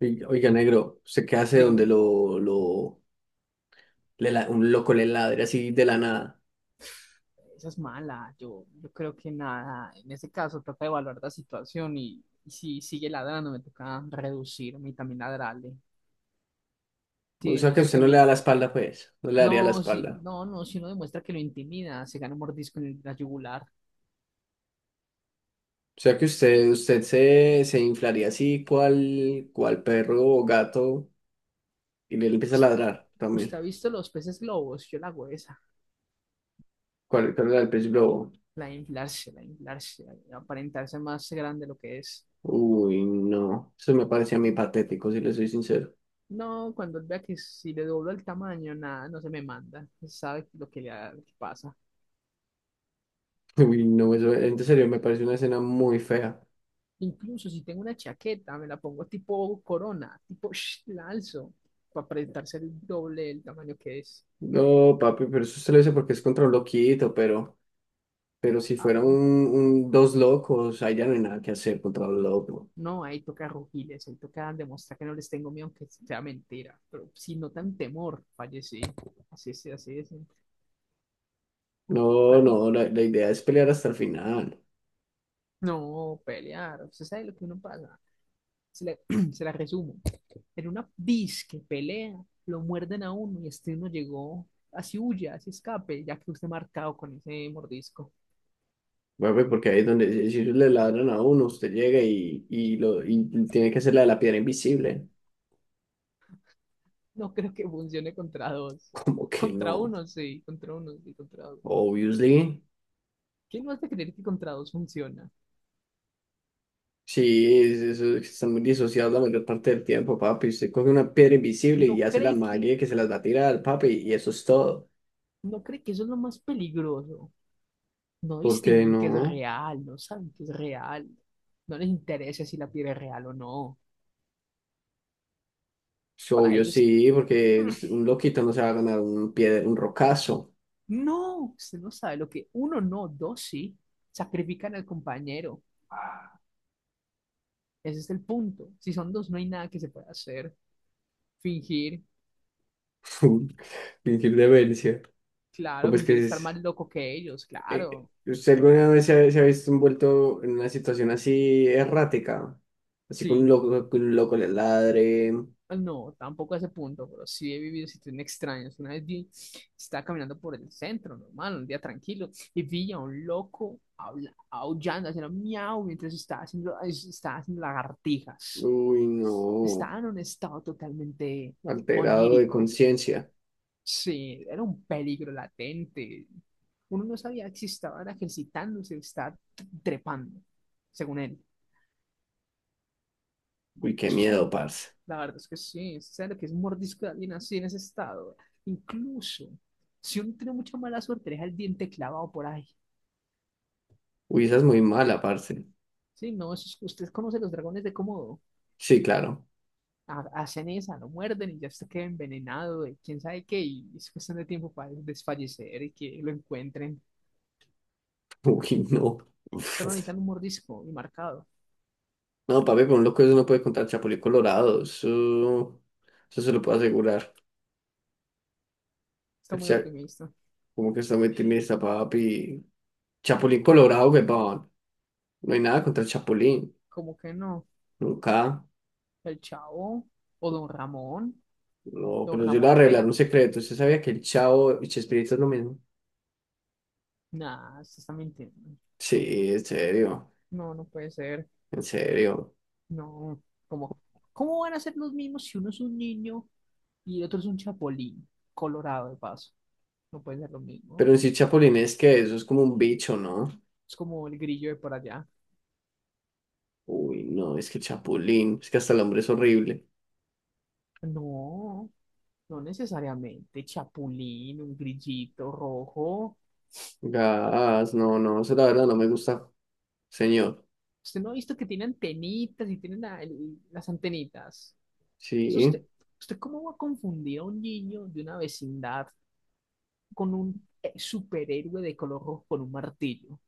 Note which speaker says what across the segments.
Speaker 1: Ey, oiga, negro, ¿usted qué hace donde
Speaker 2: Dígame.
Speaker 1: un loco le ladre así de la nada?
Speaker 2: Esa es mala. Yo creo que nada. En ese caso, trata de evaluar la situación y si sigue ladrando, me toca reducirme y también ladrarle. Si
Speaker 1: O sea que
Speaker 2: demuestro
Speaker 1: usted
Speaker 2: que
Speaker 1: no le
Speaker 2: me.
Speaker 1: da la espalda, pues, no le daría la
Speaker 2: No, si,
Speaker 1: espalda.
Speaker 2: no, si no demuestra que lo intimida, se gana un mordisco en la yugular.
Speaker 1: O sea que usted se inflaría así, cual perro o gato, y le empieza a
Speaker 2: Ust-
Speaker 1: ladrar también.
Speaker 2: ¿Usted ha visto los peces globos? Yo la hago esa.
Speaker 1: ¿Cuál era el pez globo?
Speaker 2: La de inflarse, la de aparentarse más grande de lo que es.
Speaker 1: Uy, no, eso me parece a mí patético, si le soy sincero.
Speaker 2: No, cuando él vea que si le doblo el tamaño, nada, no se me manda. Sabe lo que lo que pasa.
Speaker 1: Uy, no, eso, en serio, me parece una escena muy fea.
Speaker 2: Incluso si tengo una chaqueta, me la pongo tipo corona, tipo la alzo, para presentarse el doble del tamaño que es.
Speaker 1: No, papi, pero eso usted lo dice porque es contra un loquito, pero... Pero si fuera
Speaker 2: Claro,
Speaker 1: dos locos, ahí ya no hay nada que hacer contra un loco.
Speaker 2: no, ahí toca rugirles, ahí toca demostrar que no les tengo miedo, aunque sea mentira. Pero si notan temor, fallecí. Así es, así es.
Speaker 1: No,
Speaker 2: Toca
Speaker 1: no,
Speaker 2: ir.
Speaker 1: la idea es pelear hasta el final.
Speaker 2: No, pelear. Usted sabe lo que uno pasa. Se la, se la resumo. En una disque pelea, lo muerden a uno y este uno llegó así huye, así escape, ya que usted marcado con ese mordisco.
Speaker 1: Bueno, pues, porque ahí es donde si ellos le ladran a uno, usted llega y tiene que hacer la de la piedra invisible.
Speaker 2: No creo que funcione contra dos.
Speaker 1: Como que
Speaker 2: Contra
Speaker 1: no,
Speaker 2: uno sí, contra uno sí, contra uno.
Speaker 1: obviously.
Speaker 2: ¿Quién no hace creer que contra dos funciona?
Speaker 1: Sí, es que están muy disociados la mayor parte del tiempo, papi. Usted coge una piedra invisible
Speaker 2: No
Speaker 1: y hace la
Speaker 2: cree que,
Speaker 1: magia que se las va a tirar, papi, y eso es todo.
Speaker 2: no cree que eso es lo más peligroso. No
Speaker 1: ¿Por qué
Speaker 2: distinguen que es
Speaker 1: no?
Speaker 2: real, no saben que es real. No les interesa si la piel es real o no.
Speaker 1: Es
Speaker 2: Para
Speaker 1: obvio,
Speaker 2: ellos,
Speaker 1: sí, porque un loquito no se va a ganar un rocazo.
Speaker 2: no, usted no sabe lo que uno no, dos sí. Sacrifican al compañero. Ese es el punto. Si son dos, no hay nada que se pueda hacer. Fingir,
Speaker 1: Fingir demencia.
Speaker 2: claro,
Speaker 1: ¿Cómo es
Speaker 2: fingir
Speaker 1: que
Speaker 2: estar más
Speaker 1: es?
Speaker 2: loco que ellos, claro.
Speaker 1: ¿Usted alguna vez se ha visto envuelto en una situación así errática? Así
Speaker 2: Sí.
Speaker 1: con un loco le ladre.
Speaker 2: No, tampoco a ese punto, pero sí he vivido situaciones extrañas. Una vez vi, estaba caminando por el centro, normal, un día tranquilo, y vi a un loco aullando, haciendo miau mientras estaba estaba haciendo lagartijas.
Speaker 1: Uy, no.
Speaker 2: Estaba en un estado totalmente
Speaker 1: Alterado de
Speaker 2: onírico.
Speaker 1: conciencia.
Speaker 2: Sí, era un peligro latente. Uno no sabía si estaba era ejercitándose, estaba trepando, según él.
Speaker 1: Uy, qué
Speaker 2: Eso es
Speaker 1: miedo,
Speaker 2: un,
Speaker 1: parce.
Speaker 2: la verdad es que sí, ¿sabes lo que es un mordisco de alguien así en ese estado? Incluso, si uno tiene mucha mala suerte, deja el diente clavado por ahí.
Speaker 1: Uy, esa es muy mala, parce.
Speaker 2: Sí, no, usted conoce los dragones de Komodo.
Speaker 1: Sí, claro.
Speaker 2: Hacen esa, lo muerden y ya se queda envenenado de quién sabe qué, y es cuestión de tiempo para desfallecer y que lo encuentren.
Speaker 1: Uy, no.
Speaker 2: Solo
Speaker 1: Uf.
Speaker 2: necesitan un mordisco y marcado.
Speaker 1: No, papi, con un loco eso no puede contar Chapulín Colorado. Eso se lo puedo asegurar.
Speaker 2: Está
Speaker 1: El,
Speaker 2: muy
Speaker 1: cha-
Speaker 2: optimista.
Speaker 1: Como que está muy timista, papi. Chapulín Colorado, weón. No hay nada contra el Chapulín.
Speaker 2: ¿Como que no?
Speaker 1: Nunca.
Speaker 2: El Chavo o Don Ramón.
Speaker 1: No,
Speaker 2: Don
Speaker 1: pero yo le voy
Speaker 2: Ramón
Speaker 1: a
Speaker 2: le
Speaker 1: revelar
Speaker 2: pega.
Speaker 1: un secreto. ¿Usted sabía que el Chavo y Chespirito es lo mismo?
Speaker 2: Nah, se está mintiendo.
Speaker 1: Sí, en serio.
Speaker 2: No, no puede ser.
Speaker 1: En serio.
Speaker 2: No, ¿cómo, ¿cómo van a ser los mismos si uno es un niño y el otro es un chapulín colorado de paso? No puede ser lo
Speaker 1: Pero
Speaker 2: mismo.
Speaker 1: en sí, Chapulín es que eso es como un bicho, ¿no?
Speaker 2: Es como el grillo de por allá.
Speaker 1: Uy, no, es que Chapulín. Es que hasta el hombre es horrible.
Speaker 2: No, no necesariamente. Chapulín, un grillito rojo.
Speaker 1: Gas, no, no, eso la verdad no me gusta, señor.
Speaker 2: Usted no ha visto que tiene antenitas y tiene las antenitas. Eso
Speaker 1: Sí.
Speaker 2: usted, ¿usted cómo va a confundir a un niño de una vecindad con un superhéroe de color rojo con un martillo?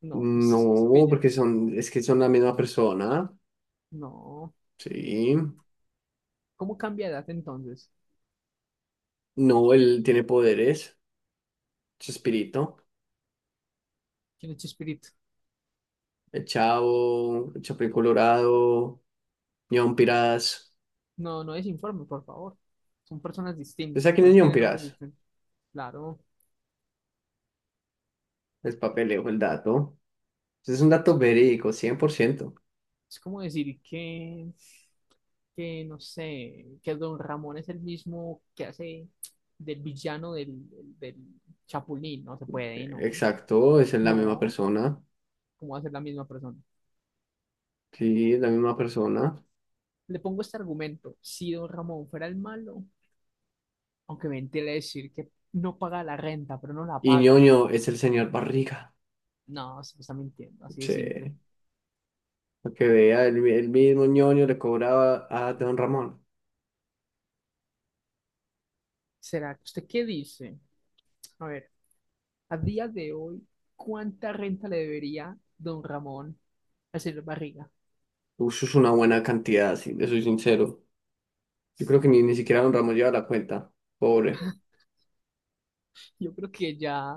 Speaker 2: No, se
Speaker 1: No,
Speaker 2: pilla.
Speaker 1: porque son, es que son la misma persona.
Speaker 2: No.
Speaker 1: Sí.
Speaker 2: ¿Cómo cambia de edad entonces?
Speaker 1: No, él tiene poderes. Chespirito,
Speaker 2: ¿Quién es Chespirito?
Speaker 1: el Chavo, el Chapulín Colorado, Ñon Pirás.
Speaker 2: No, no desinforme, por favor. Son personas
Speaker 1: ¿Usted sabe
Speaker 2: distintas,
Speaker 1: quién
Speaker 2: por
Speaker 1: es
Speaker 2: eso
Speaker 1: Ñon
Speaker 2: tienen nombres
Speaker 1: Pirás?
Speaker 2: distintos. Claro,
Speaker 1: El papeleo, el dato. Ese es un dato verídico, 100%.
Speaker 2: es como decir que no sé, que Don Ramón es el mismo que hace del villano del Chapulín. No se puede, no.
Speaker 1: Exacto, esa es la misma
Speaker 2: No,
Speaker 1: persona.
Speaker 2: ¿cómo va a ser la misma persona?
Speaker 1: Sí, es la misma persona.
Speaker 2: Le pongo este argumento. Si Don Ramón fuera el malo, aunque me entiende decir que no paga la renta, pero no la
Speaker 1: Y
Speaker 2: paga.
Speaker 1: Ñoño es el señor Barriga.
Speaker 2: No, se me está mintiendo, así de
Speaker 1: Sí,
Speaker 2: simple.
Speaker 1: para que vea, el mismo Ñoño le cobraba a Don Ramón.
Speaker 2: ¿Será que usted qué dice? A ver, a día de hoy, ¿cuánta renta le debería don Ramón al señor Barriga?
Speaker 1: Uy, eso es una buena cantidad, sí, le soy sincero. Yo creo que ni siquiera Don Ramón lleva la cuenta. Pobre.
Speaker 2: Yo creo que ya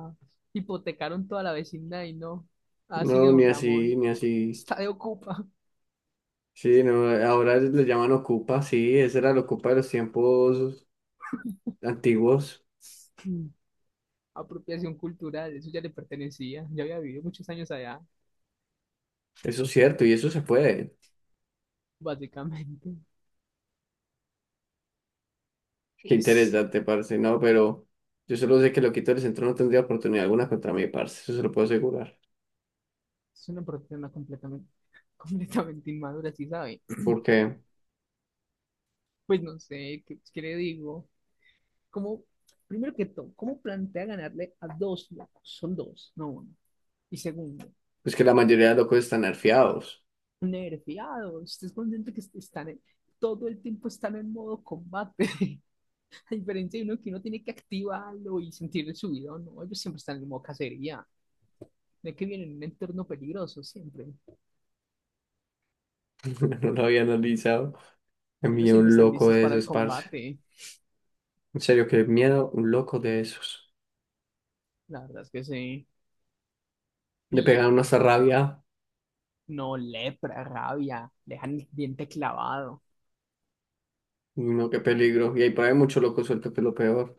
Speaker 2: hipotecaron toda la vecindad y no. Así que
Speaker 1: No,
Speaker 2: don
Speaker 1: ni así,
Speaker 2: Ramón
Speaker 1: ni así.
Speaker 2: está de ocupa.
Speaker 1: Sí, no, ahora le llaman Ocupa, sí, esa era la Ocupa de los tiempos antiguos.
Speaker 2: Apropiación cultural, eso ya le pertenecía. Ya había vivido muchos años allá,
Speaker 1: Eso es cierto, y eso se puede.
Speaker 2: básicamente.
Speaker 1: Qué
Speaker 2: Es,
Speaker 1: interesante, parce, no, pero yo solo sé que el loquito del centro no tendría oportunidad alguna contra mí, parce, eso se lo puedo asegurar.
Speaker 2: es una persona completamente, completamente inmadura, ¿sí sabe?
Speaker 1: Porque
Speaker 2: Pues no sé, ¿qué le digo? Como, primero que todo, ¿cómo plantea ganarle a dos locos? Son dos, no uno. Y segundo,
Speaker 1: es que la mayoría de locos están nerfeados.
Speaker 2: nerviado, estés consciente que están en, todo el tiempo están en modo combate, a diferencia de uno que uno tiene que activarlo y sentirle su vida no, ellos siempre están en modo cacería, de que vienen en un entorno peligroso siempre,
Speaker 1: No lo había analizado. A
Speaker 2: ellos
Speaker 1: mí
Speaker 2: siempre
Speaker 1: un
Speaker 2: están
Speaker 1: loco
Speaker 2: listos
Speaker 1: de
Speaker 2: para el
Speaker 1: esos, parce.
Speaker 2: combate,
Speaker 1: En serio, qué miedo, un loco de esos.
Speaker 2: la verdad es que sí,
Speaker 1: Le
Speaker 2: y
Speaker 1: pegan una rabia,
Speaker 2: no lepra, rabia, dejan el diente clavado.
Speaker 1: no, qué peligro. Y ahí por ahí mucho loco suelto, que es lo peor.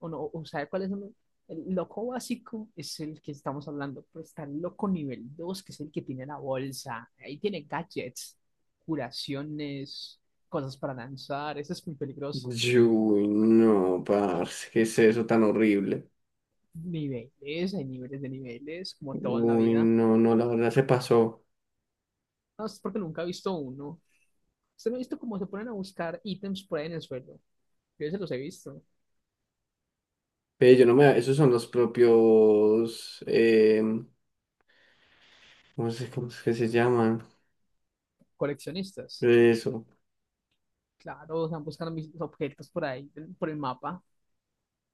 Speaker 2: O no, o sabe cuál es uno. El loco básico es el que estamos hablando, pero está el loco nivel 2 que es el que tiene la bolsa. Ahí tiene gadgets, curaciones, cosas para lanzar. Eso es muy peligroso.
Speaker 1: Uy, no, parce, ¿qué es eso tan horrible?
Speaker 2: Niveles, hay niveles de niveles, como todo en la
Speaker 1: Uy,
Speaker 2: vida.
Speaker 1: no, no, la verdad se pasó.
Speaker 2: No, es porque nunca he visto uno. Usted no ha visto cómo se ponen a buscar ítems por ahí en el suelo. Yo se los he visto.
Speaker 1: Yo no me, esos son los propios, no sé cómo es que se llaman,
Speaker 2: Coleccionistas.
Speaker 1: eso,
Speaker 2: Claro, están buscando mis objetos por ahí, por el mapa.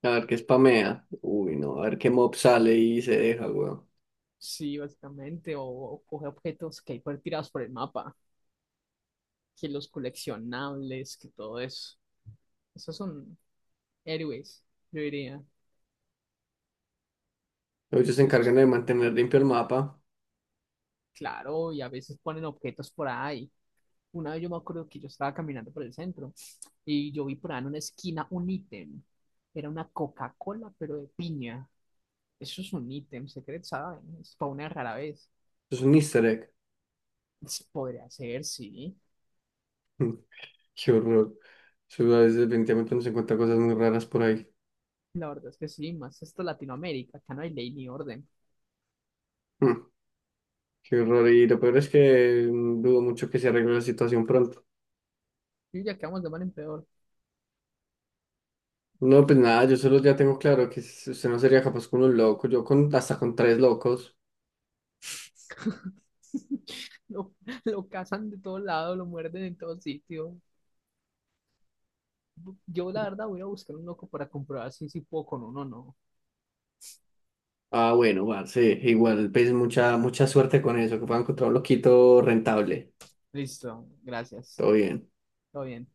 Speaker 1: a ver qué spamea. Uy, no, a ver qué mob sale y se deja, weón.
Speaker 2: Sí, básicamente, o coge objetos que hay por tirados por el mapa, que los coleccionables, que todo eso. Esos son héroes, yo diría.
Speaker 1: Ellos se
Speaker 2: Pero es que,
Speaker 1: encargan de mantener limpio el mapa,
Speaker 2: claro, y a veces ponen objetos por ahí. Una vez yo me acuerdo que yo estaba caminando por el centro y yo vi por ahí en una esquina un ítem. Era una Coca-Cola, pero de piña. Eso es un ítem secreto, ¿saben? Es para una rara vez.
Speaker 1: eso es un easter egg.
Speaker 2: Se podría ser, sí.
Speaker 1: Qué horror. Eso a veces definitivamente uno se encuentra cosas muy raras por ahí.
Speaker 2: La verdad es que sí, más esto es Latinoamérica, acá no hay ley ni orden.
Speaker 1: Mm, qué horror, y lo peor es que mm, dudo mucho que se arregle la situación pronto.
Speaker 2: Y ya quedamos de mal en peor.
Speaker 1: No, pues nada, yo solo ya tengo claro que usted no sería capaz con un loco, yo con hasta con 3 locos.
Speaker 2: Lo, lo cazan de todos lados, lo muerden en todo sitio. Yo, la verdad, voy a buscar un loco para comprobar si puedo con uno o no.
Speaker 1: Ah, bueno, parce, igual, pues mucha suerte con eso, que pueda encontrar un loquito rentable.
Speaker 2: Listo, gracias.
Speaker 1: Todo bien.
Speaker 2: Todo bien.